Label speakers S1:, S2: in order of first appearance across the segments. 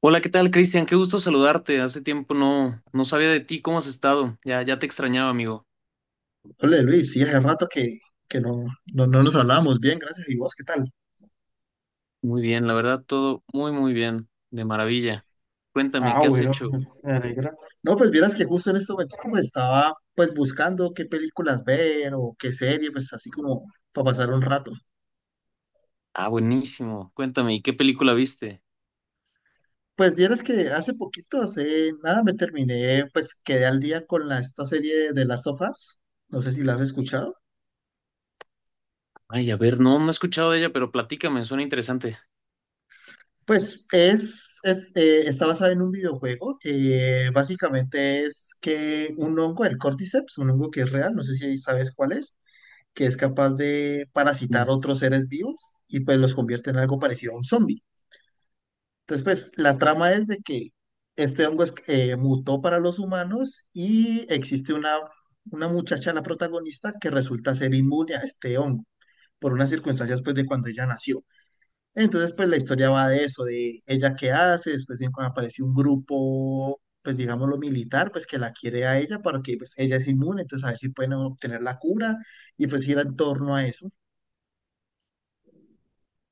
S1: Hola, ¿qué tal, Cristian? Qué gusto saludarte. Hace tiempo no sabía de ti. ¿Cómo has estado? Ya te extrañaba, amigo.
S2: Hola Luis, sí, hace rato que no, no nos hablábamos bien, gracias. ¿Y vos qué tal?
S1: Muy bien, la verdad, todo muy bien. De maravilla. Cuéntame,
S2: Ah,
S1: ¿qué has
S2: bueno,
S1: hecho?
S2: me alegra. No, pues vieras que justo en este momento como estaba pues buscando qué películas ver o qué serie, pues así como para pasar un rato.
S1: Ah, buenísimo. Cuéntame, ¿y qué película viste?
S2: Pues vieras que hace poquito, hace nada, me terminé, pues quedé al día con la, esta serie de las sofás. No sé si la has escuchado.
S1: Ay, a ver, no he escuchado de ella, pero platícame, suena interesante.
S2: Pues es, está basado en un videojuego. Básicamente es que un hongo, el Cordyceps, un hongo que es real, no sé si sabes cuál es, que es capaz de
S1: Mm.
S2: parasitar otros seres vivos y pues los convierte en algo parecido a un zombie. Entonces, pues la trama es de que este hongo mutó para los humanos y existe una muchacha, la protagonista, que resulta ser inmune a este hongo por unas circunstancias pues de cuando ella nació. Entonces, pues la historia va de eso, de ella qué hace, cuando aparece un grupo, pues digámoslo militar, pues que la quiere a ella porque pues ella es inmune, entonces a ver si pueden obtener la cura y pues ir en torno a eso.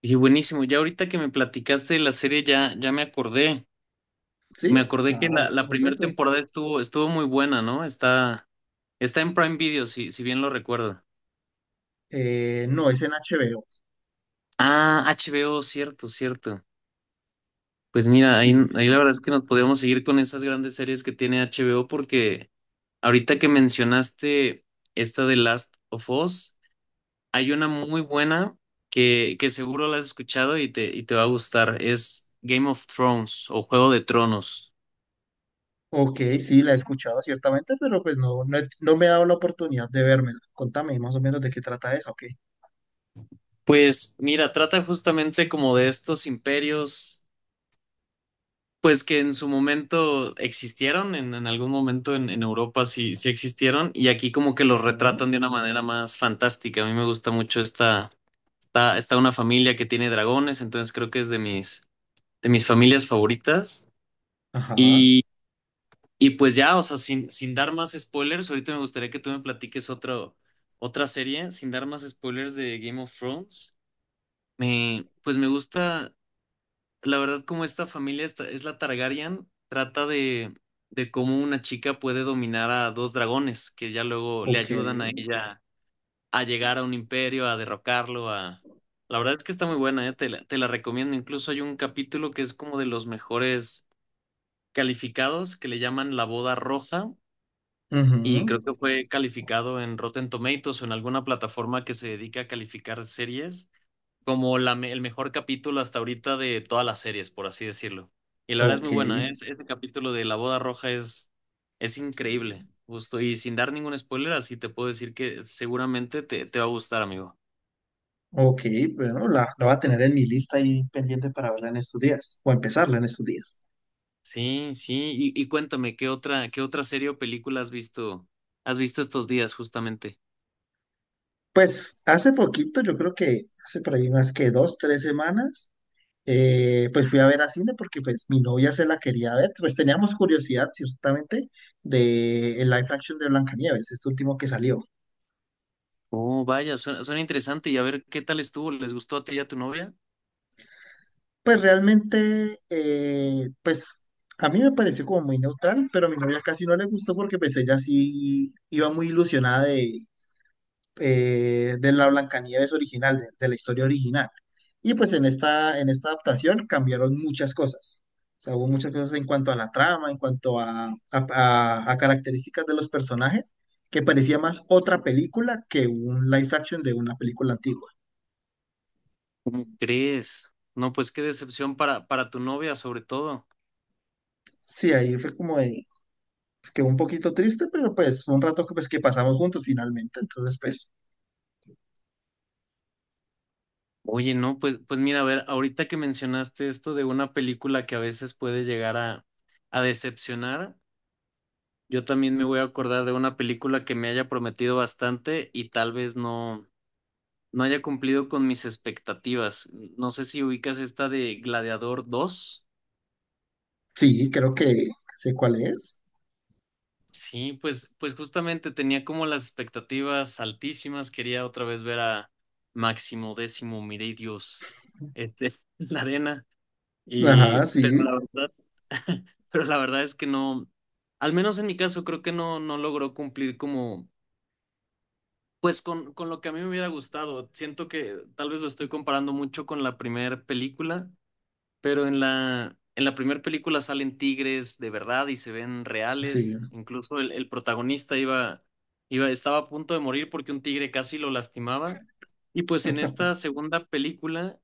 S1: Y buenísimo, ya ahorita que me platicaste de la serie, ya me acordé.
S2: ¿Sí?
S1: Me acordé que
S2: Ah,
S1: la
S2: bueno,
S1: primera
S2: perfecto.
S1: temporada estuvo muy buena, ¿no? Está en Prime Video, si bien lo recuerdo.
S2: No, es en HBO.
S1: Ah, HBO, cierto, cierto. Pues mira, ahí,
S2: Sí, sí.
S1: ahí la verdad es que nos podríamos seguir con esas grandes series que tiene HBO porque ahorita que mencionaste esta de Last of Us, hay una muy buena que seguro la has escuchado y te va a gustar. Es Game of Thrones o Juego de Tronos.
S2: Ok, sí, la he escuchado ciertamente, pero pues no me he dado la oportunidad de vérmela. Contame más o menos de qué trata eso, ok.
S1: Pues mira, trata justamente como de estos imperios, pues que en su momento existieron, en algún momento en Europa sí existieron, y aquí como que los
S2: Ujú.
S1: retratan de una manera más fantástica. A mí me gusta mucho esta. Está una familia que tiene dragones, entonces creo que es de de mis familias favoritas.
S2: Ajá,
S1: Y, y pues ya, o sea, sin dar más spoilers, ahorita me gustaría que tú me platiques otra serie, sin dar más spoilers de Game of Thrones. Me, pues me gusta, la verdad, como esta es la Targaryen, trata de cómo una chica puede dominar a dos dragones que ya luego le
S2: ok,
S1: ayudan a ella a llegar a un imperio, a derrocarlo, a... La verdad es que está muy buena, ¿eh? Te la recomiendo. Incluso hay un capítulo que es como de los mejores calificados, que le llaman La Boda Roja,
S2: ujú.
S1: y creo que fue calificado en Rotten Tomatoes o en alguna plataforma que se dedica a calificar series, como el mejor capítulo hasta ahorita de todas las series, por así decirlo. Y la verdad es muy
S2: Ok.
S1: buena, ¿eh? Ese capítulo de La Boda Roja es increíble, justo. Y sin dar ningún spoiler, así te puedo decir que seguramente te va a gustar, amigo.
S2: Ok, bueno, la voy a tener en mi lista ahí pendiente para verla en estos días, o empezarla en estos días.
S1: Sí, sí. Y cuéntame, qué otra serie o película has visto estos días justamente?
S2: Pues hace poquito, yo creo que hace por ahí unas que dos, tres semanas, pues fui a ver a cine porque pues mi novia se la quería ver, pues teníamos curiosidad ciertamente de el live action de Blancanieves, este último que salió.
S1: Oh, vaya, suena interesante. Y a ver, ¿qué tal estuvo? ¿Les gustó a ti y a tu novia?
S2: Pues realmente, pues a mí me pareció como muy neutral, pero a mi novia casi no le gustó porque pues ella sí iba muy ilusionada de la Blancanieves original, de la historia original. Y pues en esta adaptación cambiaron muchas cosas. O sea, hubo muchas cosas en cuanto a la trama, en cuanto a, a características de los personajes, que parecía más otra película que un live action de una película antigua.
S1: ¿Cómo crees? No, pues qué decepción para tu novia, sobre todo.
S2: Sí, ahí fue como de, pues, quedó un poquito triste, pero pues fue un rato que, pues, que pasamos juntos finalmente. Entonces, pues
S1: Oye, no, pues mira, a ver, ahorita que mencionaste esto de una película que a veces puede llegar a decepcionar, yo también me voy a acordar de una película que me haya prometido bastante y tal vez no, no haya cumplido con mis expectativas. No sé si ubicas esta de Gladiador dos.
S2: sí, creo que sé cuál es.
S1: Sí, pues justamente tenía como las expectativas altísimas. Quería otra vez ver a Máximo Décimo Meridius, este, en la arena. Y,
S2: Ajá,
S1: pero
S2: sí,
S1: la verdad, pero la verdad es que no, al menos en mi caso, creo que no logró cumplir como, pues con lo que a mí me hubiera gustado. Siento que tal vez lo estoy comparando mucho con la primera película. Pero en la primera película salen tigres de verdad y se ven
S2: sí,
S1: reales. Incluso el protagonista iba, estaba a punto de morir porque un tigre casi lo lastimaba. Y pues en esta segunda película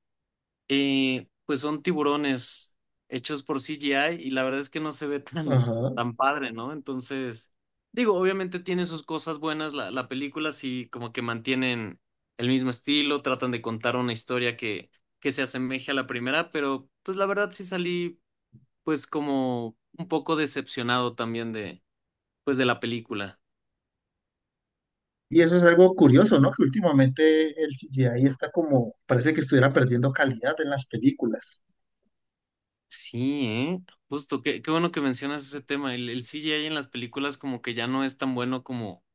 S1: pues son tiburones hechos por CGI y la verdad es que no se ve tan,
S2: ajá.
S1: tan padre, ¿no? Entonces, digo, obviamente tiene sus cosas buenas, la película sí como que mantienen el mismo estilo, tratan de contar una historia que se asemeje a la primera, pero pues la verdad sí salí pues como un poco decepcionado también de, pues de la película.
S2: Y eso es algo curioso, ¿no? Que últimamente el CGI está como, parece que estuviera perdiendo calidad en las películas.
S1: Sí, ¿eh? Justo, qué bueno que mencionas ese tema. El CGI en las películas como que ya no es tan bueno como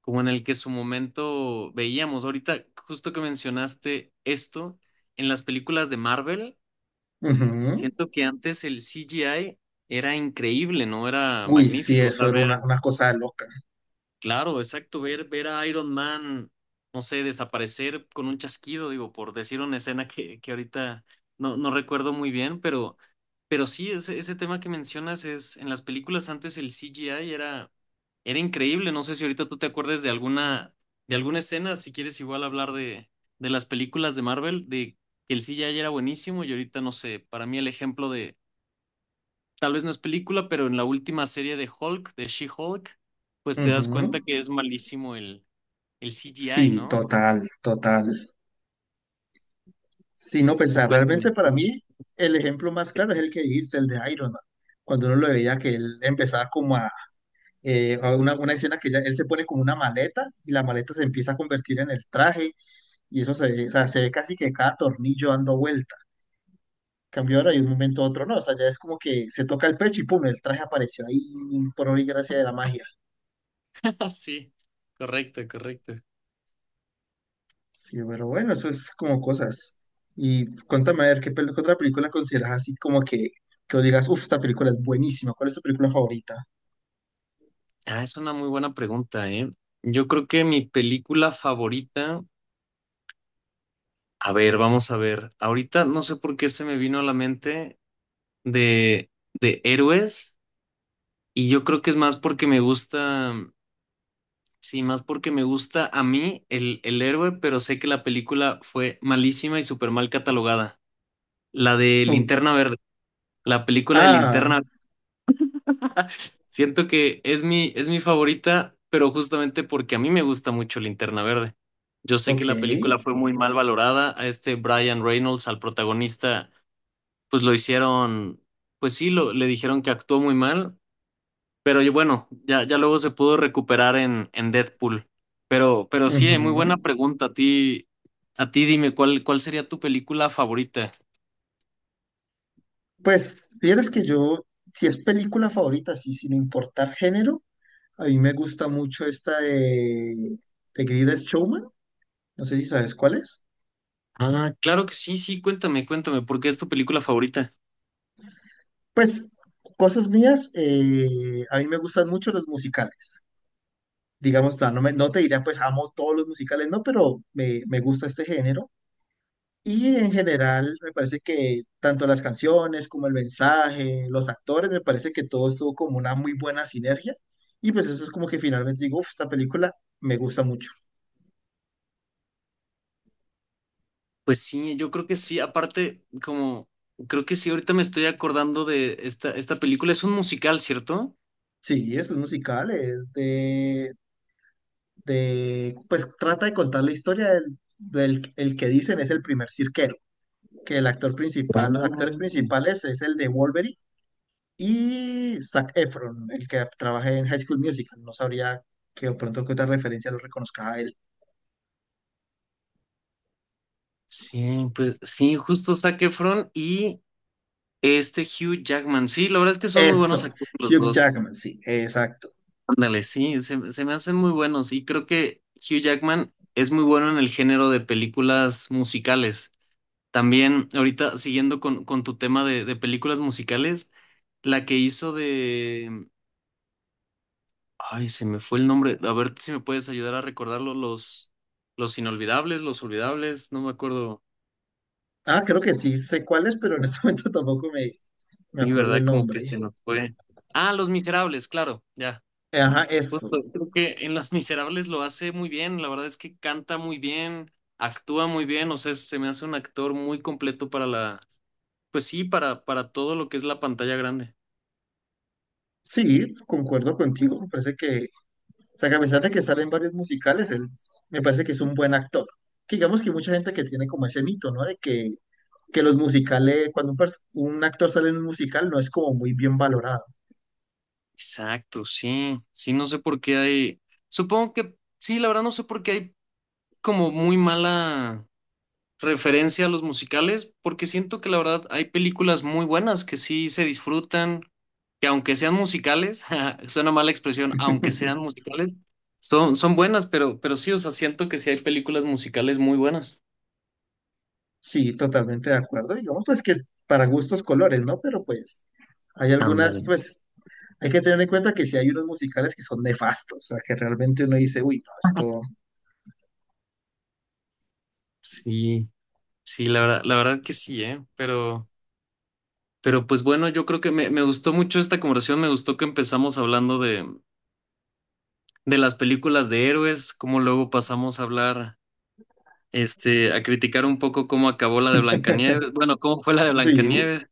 S1: como en el que su momento veíamos. Ahorita, justo que mencionaste esto, en las películas de Marvel,
S2: Ujú.
S1: siento que antes el CGI era increíble, ¿no? Era
S2: Uy, sí,
S1: magnífico. O
S2: eso
S1: sea,
S2: era
S1: ver,
S2: una cosa loca.
S1: claro, exacto, ver a Iron Man, no sé, desaparecer con un chasquido, digo, por decir una escena que ahorita no recuerdo muy bien, pero sí, ese tema que mencionas es, en las películas antes el CGI era increíble, no sé si ahorita tú te acuerdes de alguna escena, si quieres igual hablar de las películas de Marvel, de que el CGI era buenísimo y ahorita no sé, para mí el ejemplo de, tal vez no es película, pero en la última serie de Hulk, de She-Hulk, pues te das
S2: Ujú.
S1: cuenta que es malísimo el CGI,
S2: Sí,
S1: ¿no?
S2: total, total. Sí, no, pues
S1: Y cuéntame,
S2: realmente para
S1: tú.
S2: mí el ejemplo más claro es el que dijiste, el de Iron Man. Cuando uno lo veía que él empezaba como a una escena que ya, él se pone como una maleta y la maleta se empieza a convertir en el traje y o sea, se ve casi que cada tornillo dando vuelta. Cambió ahora y de un momento a otro no. O sea, ya es como que se toca el pecho y pum, el traje apareció ahí por obra y gracia de la magia.
S1: Sí, correcto, correcto.
S2: Sí, pero bueno, eso es como cosas. Y cuéntame a ver, ¿ qué otra película consideras así como que vos digas, uff, ¿esta película es buenísima? ¿Cuál es tu película favorita?
S1: Ah, es una muy buena pregunta, ¿eh? Yo creo que mi película favorita, a ver, vamos a ver, ahorita no sé por qué se me vino a la mente. De héroes y yo creo que es más porque me gusta, sí, más porque me gusta a mí el héroe, pero sé que la película fue malísima y súper mal catalogada. La de
S2: Ok.
S1: Linterna Verde, la película de
S2: Ah,
S1: Linterna Verde. Siento que es es mi favorita, pero justamente porque a mí me gusta mucho Linterna Verde. Yo sé que
S2: ok,
S1: la película fue muy mal valorada. A este Brian Reynolds, al protagonista, pues lo hicieron, pues sí, lo, le dijeron que actuó muy mal. Pero y bueno, ya luego se pudo recuperar en Deadpool. Pero sí, muy
S2: ujú.
S1: buena pregunta. A ti dime, ¿cuál, cuál sería tu película favorita?
S2: Pues, vieras que yo, si es película favorita, sí, sin importar género, a mí me gusta mucho esta de Greatest Showman. No sé si sabes cuál es.
S1: Ah, claro que sí, sí, cuéntame, cuéntame, ¿por qué es tu película favorita?
S2: Pues cosas mías, a mí me gustan mucho los musicales. Digamos, no te diría, pues amo todos los musicales, no, pero me gusta este género. Y en general, me parece que tanto las canciones como el mensaje, los actores, me parece que todo estuvo como una muy buena sinergia. Y pues eso es como que finalmente digo, "Uf, esta película me gusta mucho."
S1: Pues sí, yo creo que sí, aparte, como, creo que sí, ahorita me estoy acordando de esta, esta película, es un musical, ¿cierto?
S2: Sí, es un musical, es de, pues trata de contar la historia del, del el que dicen es el primer cirquero que el actor principal, los actores
S1: Mm.
S2: principales es el de Wolverine y Zac Efron, el que trabaja en High School Musical. No sabría que de pronto que otra referencia lo reconozca a él.
S1: Sí, pues sí, justo Zac Efron y este Hugh Jackman. Sí, la verdad es que son muy buenos
S2: Eso,
S1: actores los
S2: Hugh
S1: dos.
S2: Jackman, sí, exacto.
S1: Ándale, sí, se me hacen muy buenos y creo que Hugh Jackman es muy bueno en el género de películas musicales. También, ahorita siguiendo con tu tema de películas musicales, la que hizo de... Ay, se me fue el nombre. A ver si me puedes ayudar a recordarlo. Los inolvidables, los olvidables, no me acuerdo.
S2: Ah, creo que sí sé cuál es, pero en este momento tampoco me, me
S1: Y
S2: acuerdo
S1: verdad,
S2: el
S1: como que
S2: nombre.
S1: se nos fue. Ah, Los Miserables, claro, ya.
S2: Ajá,
S1: Pues,
S2: eso.
S1: pues, creo que en Las Miserables lo hace muy bien, la verdad es que canta muy bien, actúa muy bien, o sea, se me hace un actor muy completo para pues sí, para todo lo que es la pantalla grande.
S2: Sí, concuerdo contigo. Me parece que, o sea, que a pesar de que sale en varios musicales, él me parece que es un buen actor. Que digamos que hay mucha gente que tiene como ese mito, ¿no? De Que los musicales, cuando un actor sale en un musical, no es como muy bien valorado.
S1: Exacto, sí, sí, no sé por qué hay, supongo que, sí, la verdad no sé por qué hay como muy mala referencia a los musicales, porque siento que la verdad hay películas muy buenas que sí se disfrutan, que aunque sean musicales, ja, suena mala expresión, aunque sean musicales, son buenas, pero sí, o sea, siento que sí hay películas musicales muy buenas.
S2: Sí, totalmente de acuerdo. Digamos, pues que para gustos colores, ¿no? Pero pues hay algunas,
S1: Ándale.
S2: pues hay que tener en cuenta que si hay unos musicales que son nefastos, o sea, que realmente uno dice, uy, no, esto...
S1: Sí, sí, la verdad que sí, ¿eh? Pero pues bueno, yo creo que me gustó mucho esta conversación, me gustó que empezamos hablando de las películas de héroes, como luego pasamos a hablar este, a criticar un poco cómo acabó la de Blancanieves, bueno, cómo fue la de
S2: Sí,
S1: Blancanieves.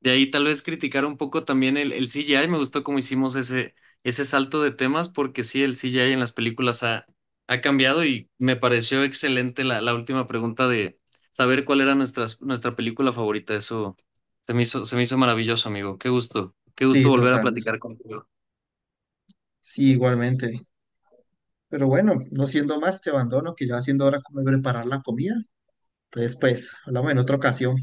S1: De ahí tal vez criticar un poco también el CGI. Me gustó cómo hicimos ese salto de temas, porque sí, el CGI en las películas ha, ha cambiado y me pareció excelente la última pregunta de saber cuál era nuestra película favorita. Eso se me hizo maravilloso, amigo. Qué gusto
S2: sí,
S1: volver a
S2: total.
S1: platicar contigo.
S2: Sí, igualmente. Pero bueno, no siendo más, te abandono, que ya va siendo hora como de preparar la comida. Entonces, pues, hablamos en otra ocasión.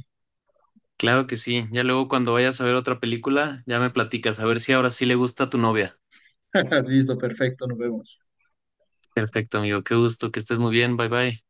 S1: Claro que sí. Ya luego cuando vayas a ver otra película, ya me platicas, a ver si ahora sí le gusta a tu novia.
S2: Listo, perfecto, nos vemos.
S1: Perfecto, amigo. Qué gusto, que estés muy bien. Bye bye.